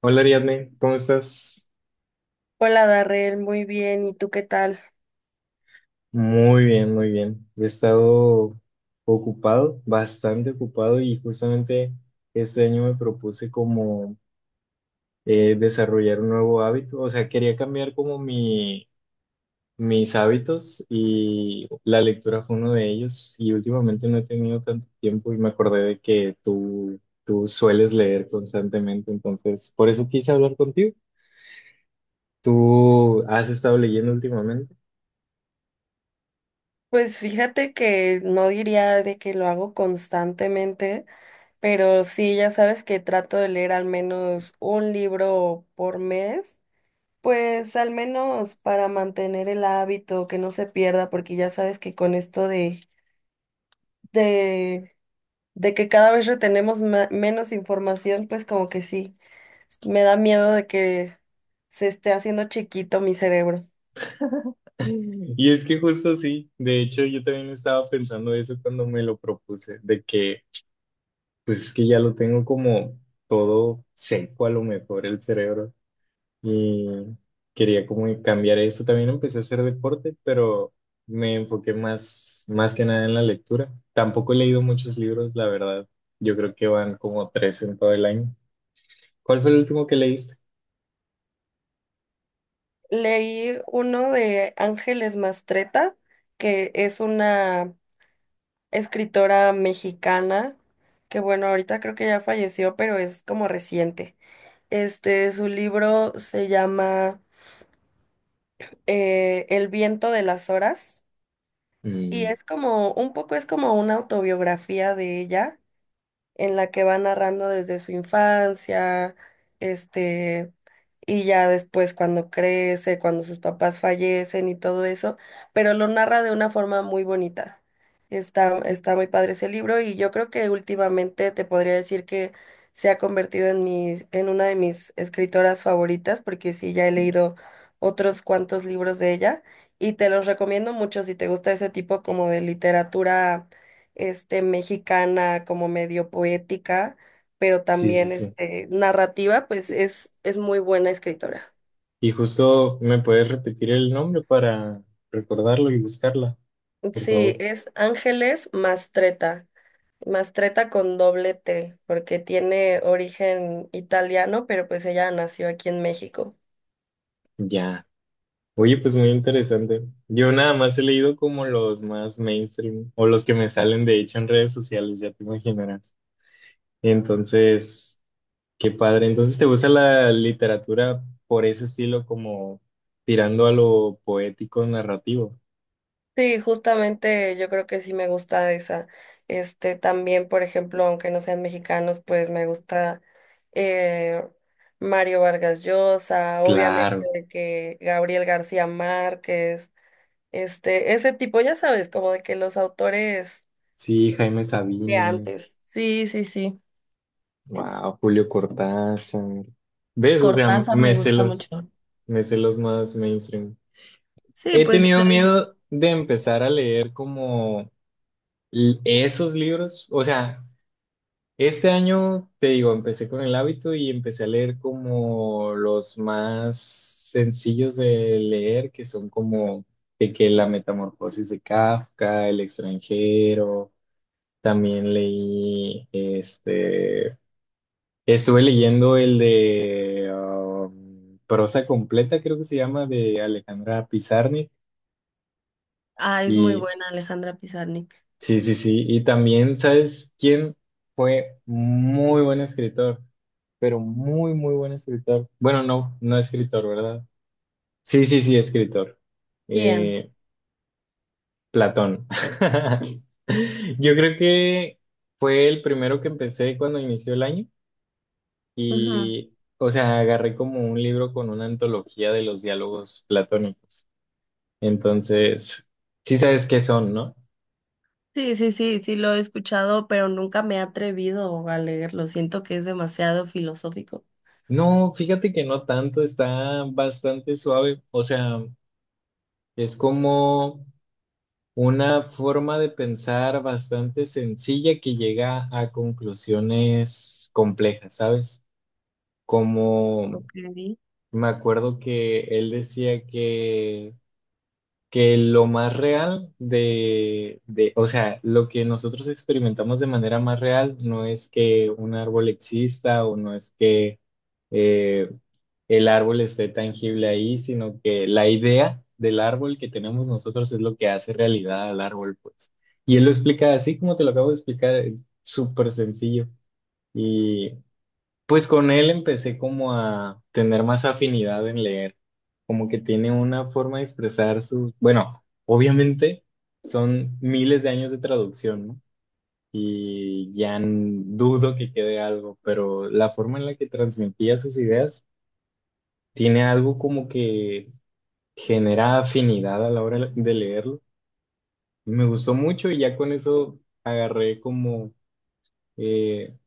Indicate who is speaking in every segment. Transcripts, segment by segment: Speaker 1: Hola Ariadne, ¿cómo estás?
Speaker 2: Hola Darrell, muy bien. ¿Y tú qué tal?
Speaker 1: Muy bien, muy bien. He estado ocupado, bastante ocupado y justamente este año me propuse como desarrollar un nuevo hábito. O sea, quería cambiar como mis hábitos y la lectura fue uno de ellos y últimamente no he tenido tanto tiempo y me acordé de que tú sueles leer constantemente, entonces por eso quise hablar contigo. ¿Tú has estado leyendo últimamente?
Speaker 2: Pues fíjate que no diría de que lo hago constantemente, pero sí, ya sabes que trato de leer al menos un libro por mes, pues al menos para mantener el hábito, que no se pierda, porque ya sabes que con esto de, de que cada vez retenemos menos información, pues como que sí, me da miedo de que se esté haciendo chiquito mi cerebro.
Speaker 1: Y es que justo sí, de hecho yo también estaba pensando eso cuando me lo propuse, de que pues es que ya lo tengo como todo seco a lo mejor el cerebro y quería como cambiar eso. También empecé a hacer deporte, pero me enfoqué más que nada en la lectura. Tampoco he leído muchos libros, la verdad. Yo creo que van como tres en todo el año. ¿Cuál fue el último que leíste?
Speaker 2: Leí uno de Ángeles Mastreta, que es una escritora mexicana, que bueno, ahorita creo que ya falleció, pero es como reciente. Este, su libro se llama El viento de las horas y
Speaker 1: Mm,
Speaker 2: es como, un poco es como una autobiografía de ella en la que va narrando desde su infancia, este, y ya después cuando crece, cuando sus papás fallecen y todo eso, pero lo narra de una forma muy bonita. Está muy padre ese libro y yo creo que últimamente te podría decir que se ha convertido en una de mis escritoras favoritas, porque sí, ya he leído otros cuantos libros de ella y te los recomiendo mucho si te gusta ese tipo como de literatura este, mexicana, como medio poética, pero
Speaker 1: sí,
Speaker 2: también
Speaker 1: sí.
Speaker 2: este, narrativa, pues es muy buena escritora.
Speaker 1: Y justo me puedes repetir el nombre para recordarlo y buscarla, por
Speaker 2: Sí,
Speaker 1: favor.
Speaker 2: es Ángeles Mastretta, Mastretta con doble T, porque tiene origen italiano, pero pues ella nació aquí en México.
Speaker 1: Ya. Oye, pues muy interesante. Yo nada más he leído como los más mainstream o los que me salen de hecho en redes sociales, ya te imaginarás. Entonces, qué padre. Entonces, ¿te gusta la literatura por ese estilo como tirando a lo poético narrativo?
Speaker 2: Sí, justamente yo creo que sí me gusta esa. Este también, por ejemplo, aunque no sean mexicanos, pues me gusta eh, Mario Vargas Llosa, obviamente
Speaker 1: Claro.
Speaker 2: de que Gabriel García Márquez, este, ese tipo, ya sabes, como de que los autores
Speaker 1: Sí, Jaime
Speaker 2: de
Speaker 1: Sabines.
Speaker 2: antes. Sí, sí, sí.
Speaker 1: Wow, Julio Cortázar. ¿Ves? O sea,
Speaker 2: Cortázar me gusta mucho.
Speaker 1: me sé los más mainstream.
Speaker 2: Sí,
Speaker 1: He
Speaker 2: pues te
Speaker 1: tenido
Speaker 2: digo,
Speaker 1: miedo de empezar a leer como esos libros. O sea, este año, te digo, empecé con el hábito y empecé a leer como los más sencillos de leer, que son como de que La Metamorfosis de Kafka, El extranjero. También leí este. Estuve leyendo el de Prosa Completa, creo que se llama, de Alejandra Pizarnik.
Speaker 2: ah, es muy
Speaker 1: Y
Speaker 2: buena Alejandra Pizarnik.
Speaker 1: sí, sí, sí. Y también, ¿sabes quién fue muy buen escritor? Pero muy, muy buen escritor. Bueno, no, no escritor, ¿verdad? Sí, sí, sí, escritor.
Speaker 2: ¿Quién?
Speaker 1: Eh, Platón. Yo creo que fue el primero que empecé cuando inició el año.
Speaker 2: Ujú.
Speaker 1: Y, o sea, agarré como un libro con una antología de los diálogos platónicos. Entonces, sí sabes qué son, ¿no?
Speaker 2: Sí, sí, sí, sí lo he escuchado, pero nunca me he atrevido a leerlo. Siento que es demasiado filosófico.
Speaker 1: No, fíjate que no tanto, está bastante suave. O sea, es como una forma de pensar bastante sencilla que llega a conclusiones complejas, ¿sabes? Como
Speaker 2: Ok.
Speaker 1: me acuerdo que él decía que lo más real o sea, lo que nosotros experimentamos de manera más real no es que un árbol exista o no es que eh, el árbol esté tangible ahí, sino que la idea del árbol que tenemos nosotros es lo que hace realidad al árbol, pues. Y él lo explica así como te lo acabo de explicar, es súper sencillo. Y pues con él empecé como a tener más afinidad en leer, como que tiene una forma de expresar su, bueno, obviamente son miles de años de traducción, ¿no? Y ya dudo que quede algo, pero la forma en la que transmitía sus ideas tiene algo como que genera afinidad a la hora de leerlo. Me gustó mucho y ya con eso agarré como eh,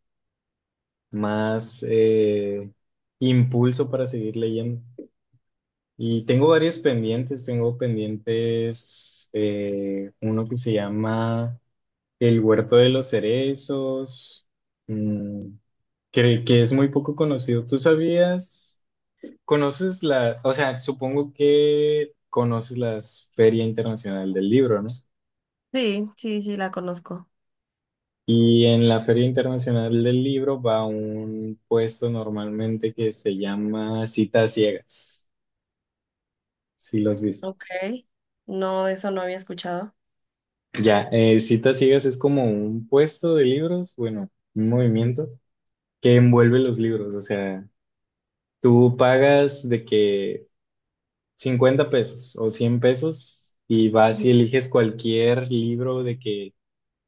Speaker 1: más impulso para seguir leyendo. Y tengo varios pendientes, tengo pendientes uno que se llama El Huerto de los Cerezos, mm, que es muy poco conocido. ¿Tú sabías? ¿Conoces la, o sea, supongo que conoces la Feria Internacional del Libro, ¿no?
Speaker 2: Sí, sí, sí, la conozco.
Speaker 1: Y en la Feria Internacional del Libro va un puesto normalmente que se llama Citas Ciegas, si los viste.
Speaker 2: Ok. No, eso no había escuchado.
Speaker 1: Ya, citas ciegas es como un puesto de libros, bueno, un movimiento que envuelve los libros, o sea, tú pagas de que 50 pesos o 100 pesos y vas
Speaker 2: Ujú.
Speaker 1: y eliges cualquier libro de que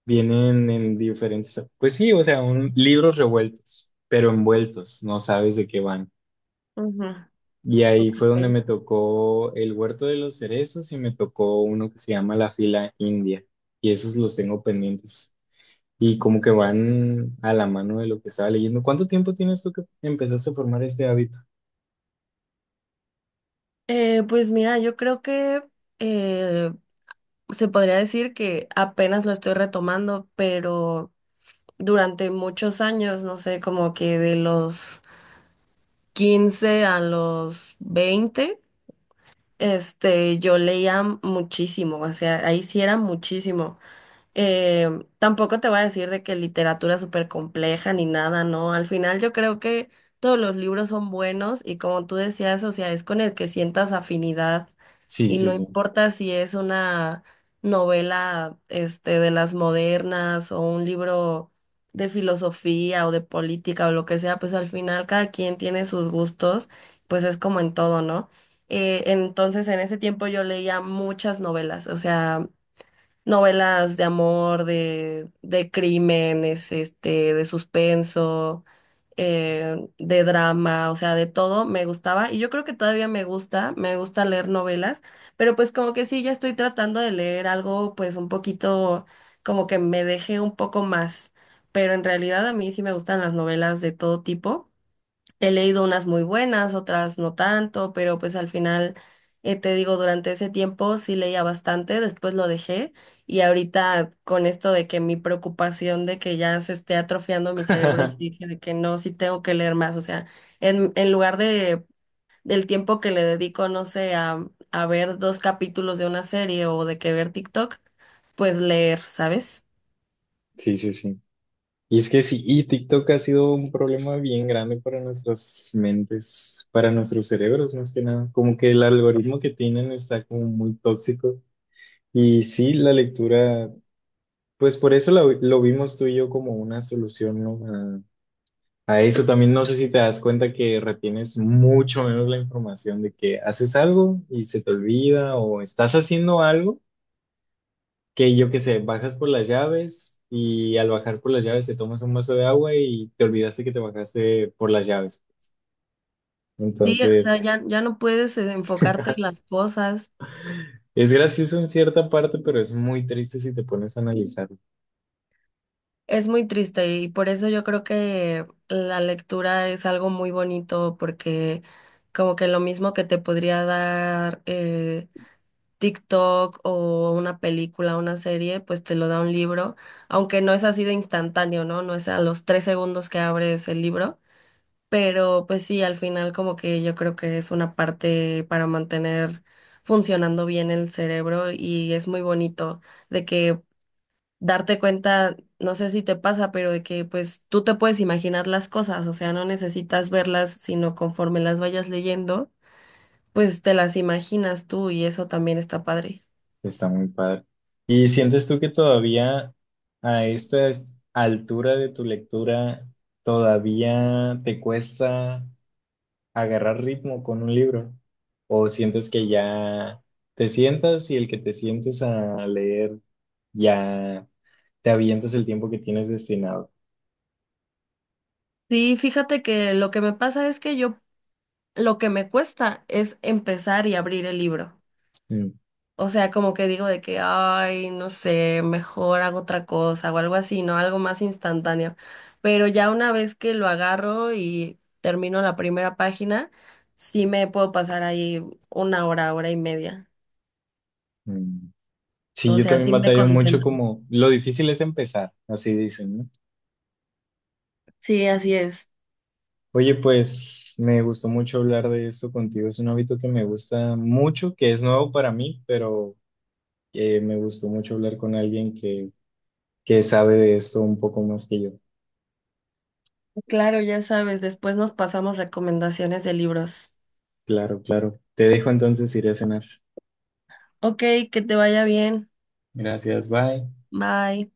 Speaker 1: vienen en diferentes, pues sí, o sea, un, libros revueltos, pero envueltos, no sabes de qué van.
Speaker 2: Ujú,
Speaker 1: Y ahí fue donde
Speaker 2: ok.
Speaker 1: me tocó El Huerto de los Cerezos y me tocó uno que se llama La Fila India, y esos los tengo pendientes. Y como que van a la mano de lo que estaba leyendo. ¿Cuánto tiempo tienes tú que empezaste a formar este hábito?
Speaker 2: Pues mira, yo creo que eh, se podría decir que apenas lo estoy retomando, pero durante muchos años, no sé, como que de los 15 a los 20. Este, yo leía muchísimo, o sea, ahí sí era muchísimo. Eh, tampoco te voy a decir de que literatura súper compleja ni nada, ¿no? Al final yo creo que todos los libros son buenos y como tú decías, o sea, es con el que sientas afinidad
Speaker 1: Sí,
Speaker 2: y
Speaker 1: sí,
Speaker 2: no
Speaker 1: sí.
Speaker 2: importa si es una novela este de las modernas o un libro de filosofía o de política o lo que sea, pues al final cada quien tiene sus gustos, pues es como en todo, ¿no? Entonces en ese tiempo yo leía muchas novelas, o sea, novelas de amor, de, crímenes, este, de suspenso, de drama, o sea, de todo me gustaba y yo creo que todavía me gusta leer novelas, pero pues como que sí, ya estoy tratando de leer algo pues un poquito como que me deje un poco más, pero en realidad a mí sí me gustan las novelas de todo tipo. He leído unas muy buenas, otras no tanto, pero pues al final, te digo, durante ese tiempo sí leía bastante, después lo dejé y ahorita con esto de que mi preocupación de que ya se esté atrofiando mi cerebro, sí dije de que no, sí tengo que leer más, o sea, en, lugar de del tiempo que le dedico, no sé, a ver dos capítulos de una serie o de que ver TikTok, pues leer, ¿sabes?
Speaker 1: Sí, sí, sí. Y es que sí, y TikTok ha sido un problema bien grande para nuestras mentes, para nuestros cerebros más que nada. Como que el algoritmo que tienen está como muy tóxico. Y sí, la lectura, pues por eso lo vimos tú y yo como una solución, ¿no? A eso también no sé si te das cuenta que retienes mucho menos la información de que haces algo y se te olvida o estás haciendo algo que yo qué sé, bajas por las llaves y al bajar por las llaves te tomas un vaso de agua y te olvidaste que te bajaste por las llaves, pues.
Speaker 2: Sí, o sea,
Speaker 1: Entonces,
Speaker 2: ya, ya no puedes enfocarte en las cosas.
Speaker 1: es gracioso en cierta parte, pero es muy triste si te pones a analizar.
Speaker 2: Es muy triste y por eso yo creo que la lectura es algo muy bonito porque como que lo mismo que te podría dar TikTok o una película, una serie, pues te lo da un libro, aunque no es así de instantáneo, ¿no? No es a los 3 segundos que abres el libro, pero pues sí, al final como que yo creo que es una parte para mantener funcionando bien el cerebro y es muy bonito de que darte cuenta, no sé si te pasa, pero de que pues tú te puedes imaginar las cosas, o sea, no necesitas verlas, sino conforme las vayas leyendo, pues te las imaginas tú y eso también está padre.
Speaker 1: Está muy padre. ¿Y sientes tú que todavía a esta altura de tu lectura todavía te cuesta agarrar ritmo con un libro? ¿O sientes que ya te sientas y el que te sientes a leer ya te avientas el tiempo que tienes destinado?
Speaker 2: Sí, fíjate que lo que me pasa es que yo, lo que me cuesta es empezar y abrir el libro.
Speaker 1: Mm,
Speaker 2: O sea, como que digo de que, ay, no sé, mejor hago otra cosa o algo así, ¿no? Algo más instantáneo. Pero ya una vez que lo agarro y termino la primera página, sí me puedo pasar ahí una hora, hora y media.
Speaker 1: mm. Sí,
Speaker 2: O
Speaker 1: yo
Speaker 2: sea,
Speaker 1: también
Speaker 2: sí me
Speaker 1: batallo mucho
Speaker 2: concentro.
Speaker 1: como lo difícil es empezar, así dicen, ¿no?
Speaker 2: Sí, así es.
Speaker 1: Oye, pues me gustó mucho hablar de esto contigo. Es un hábito que me gusta mucho, que es nuevo para mí, pero me gustó mucho hablar con alguien que sabe de esto un poco más que yo.
Speaker 2: Claro, ya sabes, después nos pasamos recomendaciones de libros.
Speaker 1: Claro, claro. Te dejo entonces, iré a cenar.
Speaker 2: Ok, que te vaya bien.
Speaker 1: Gracias, bye.
Speaker 2: Bye.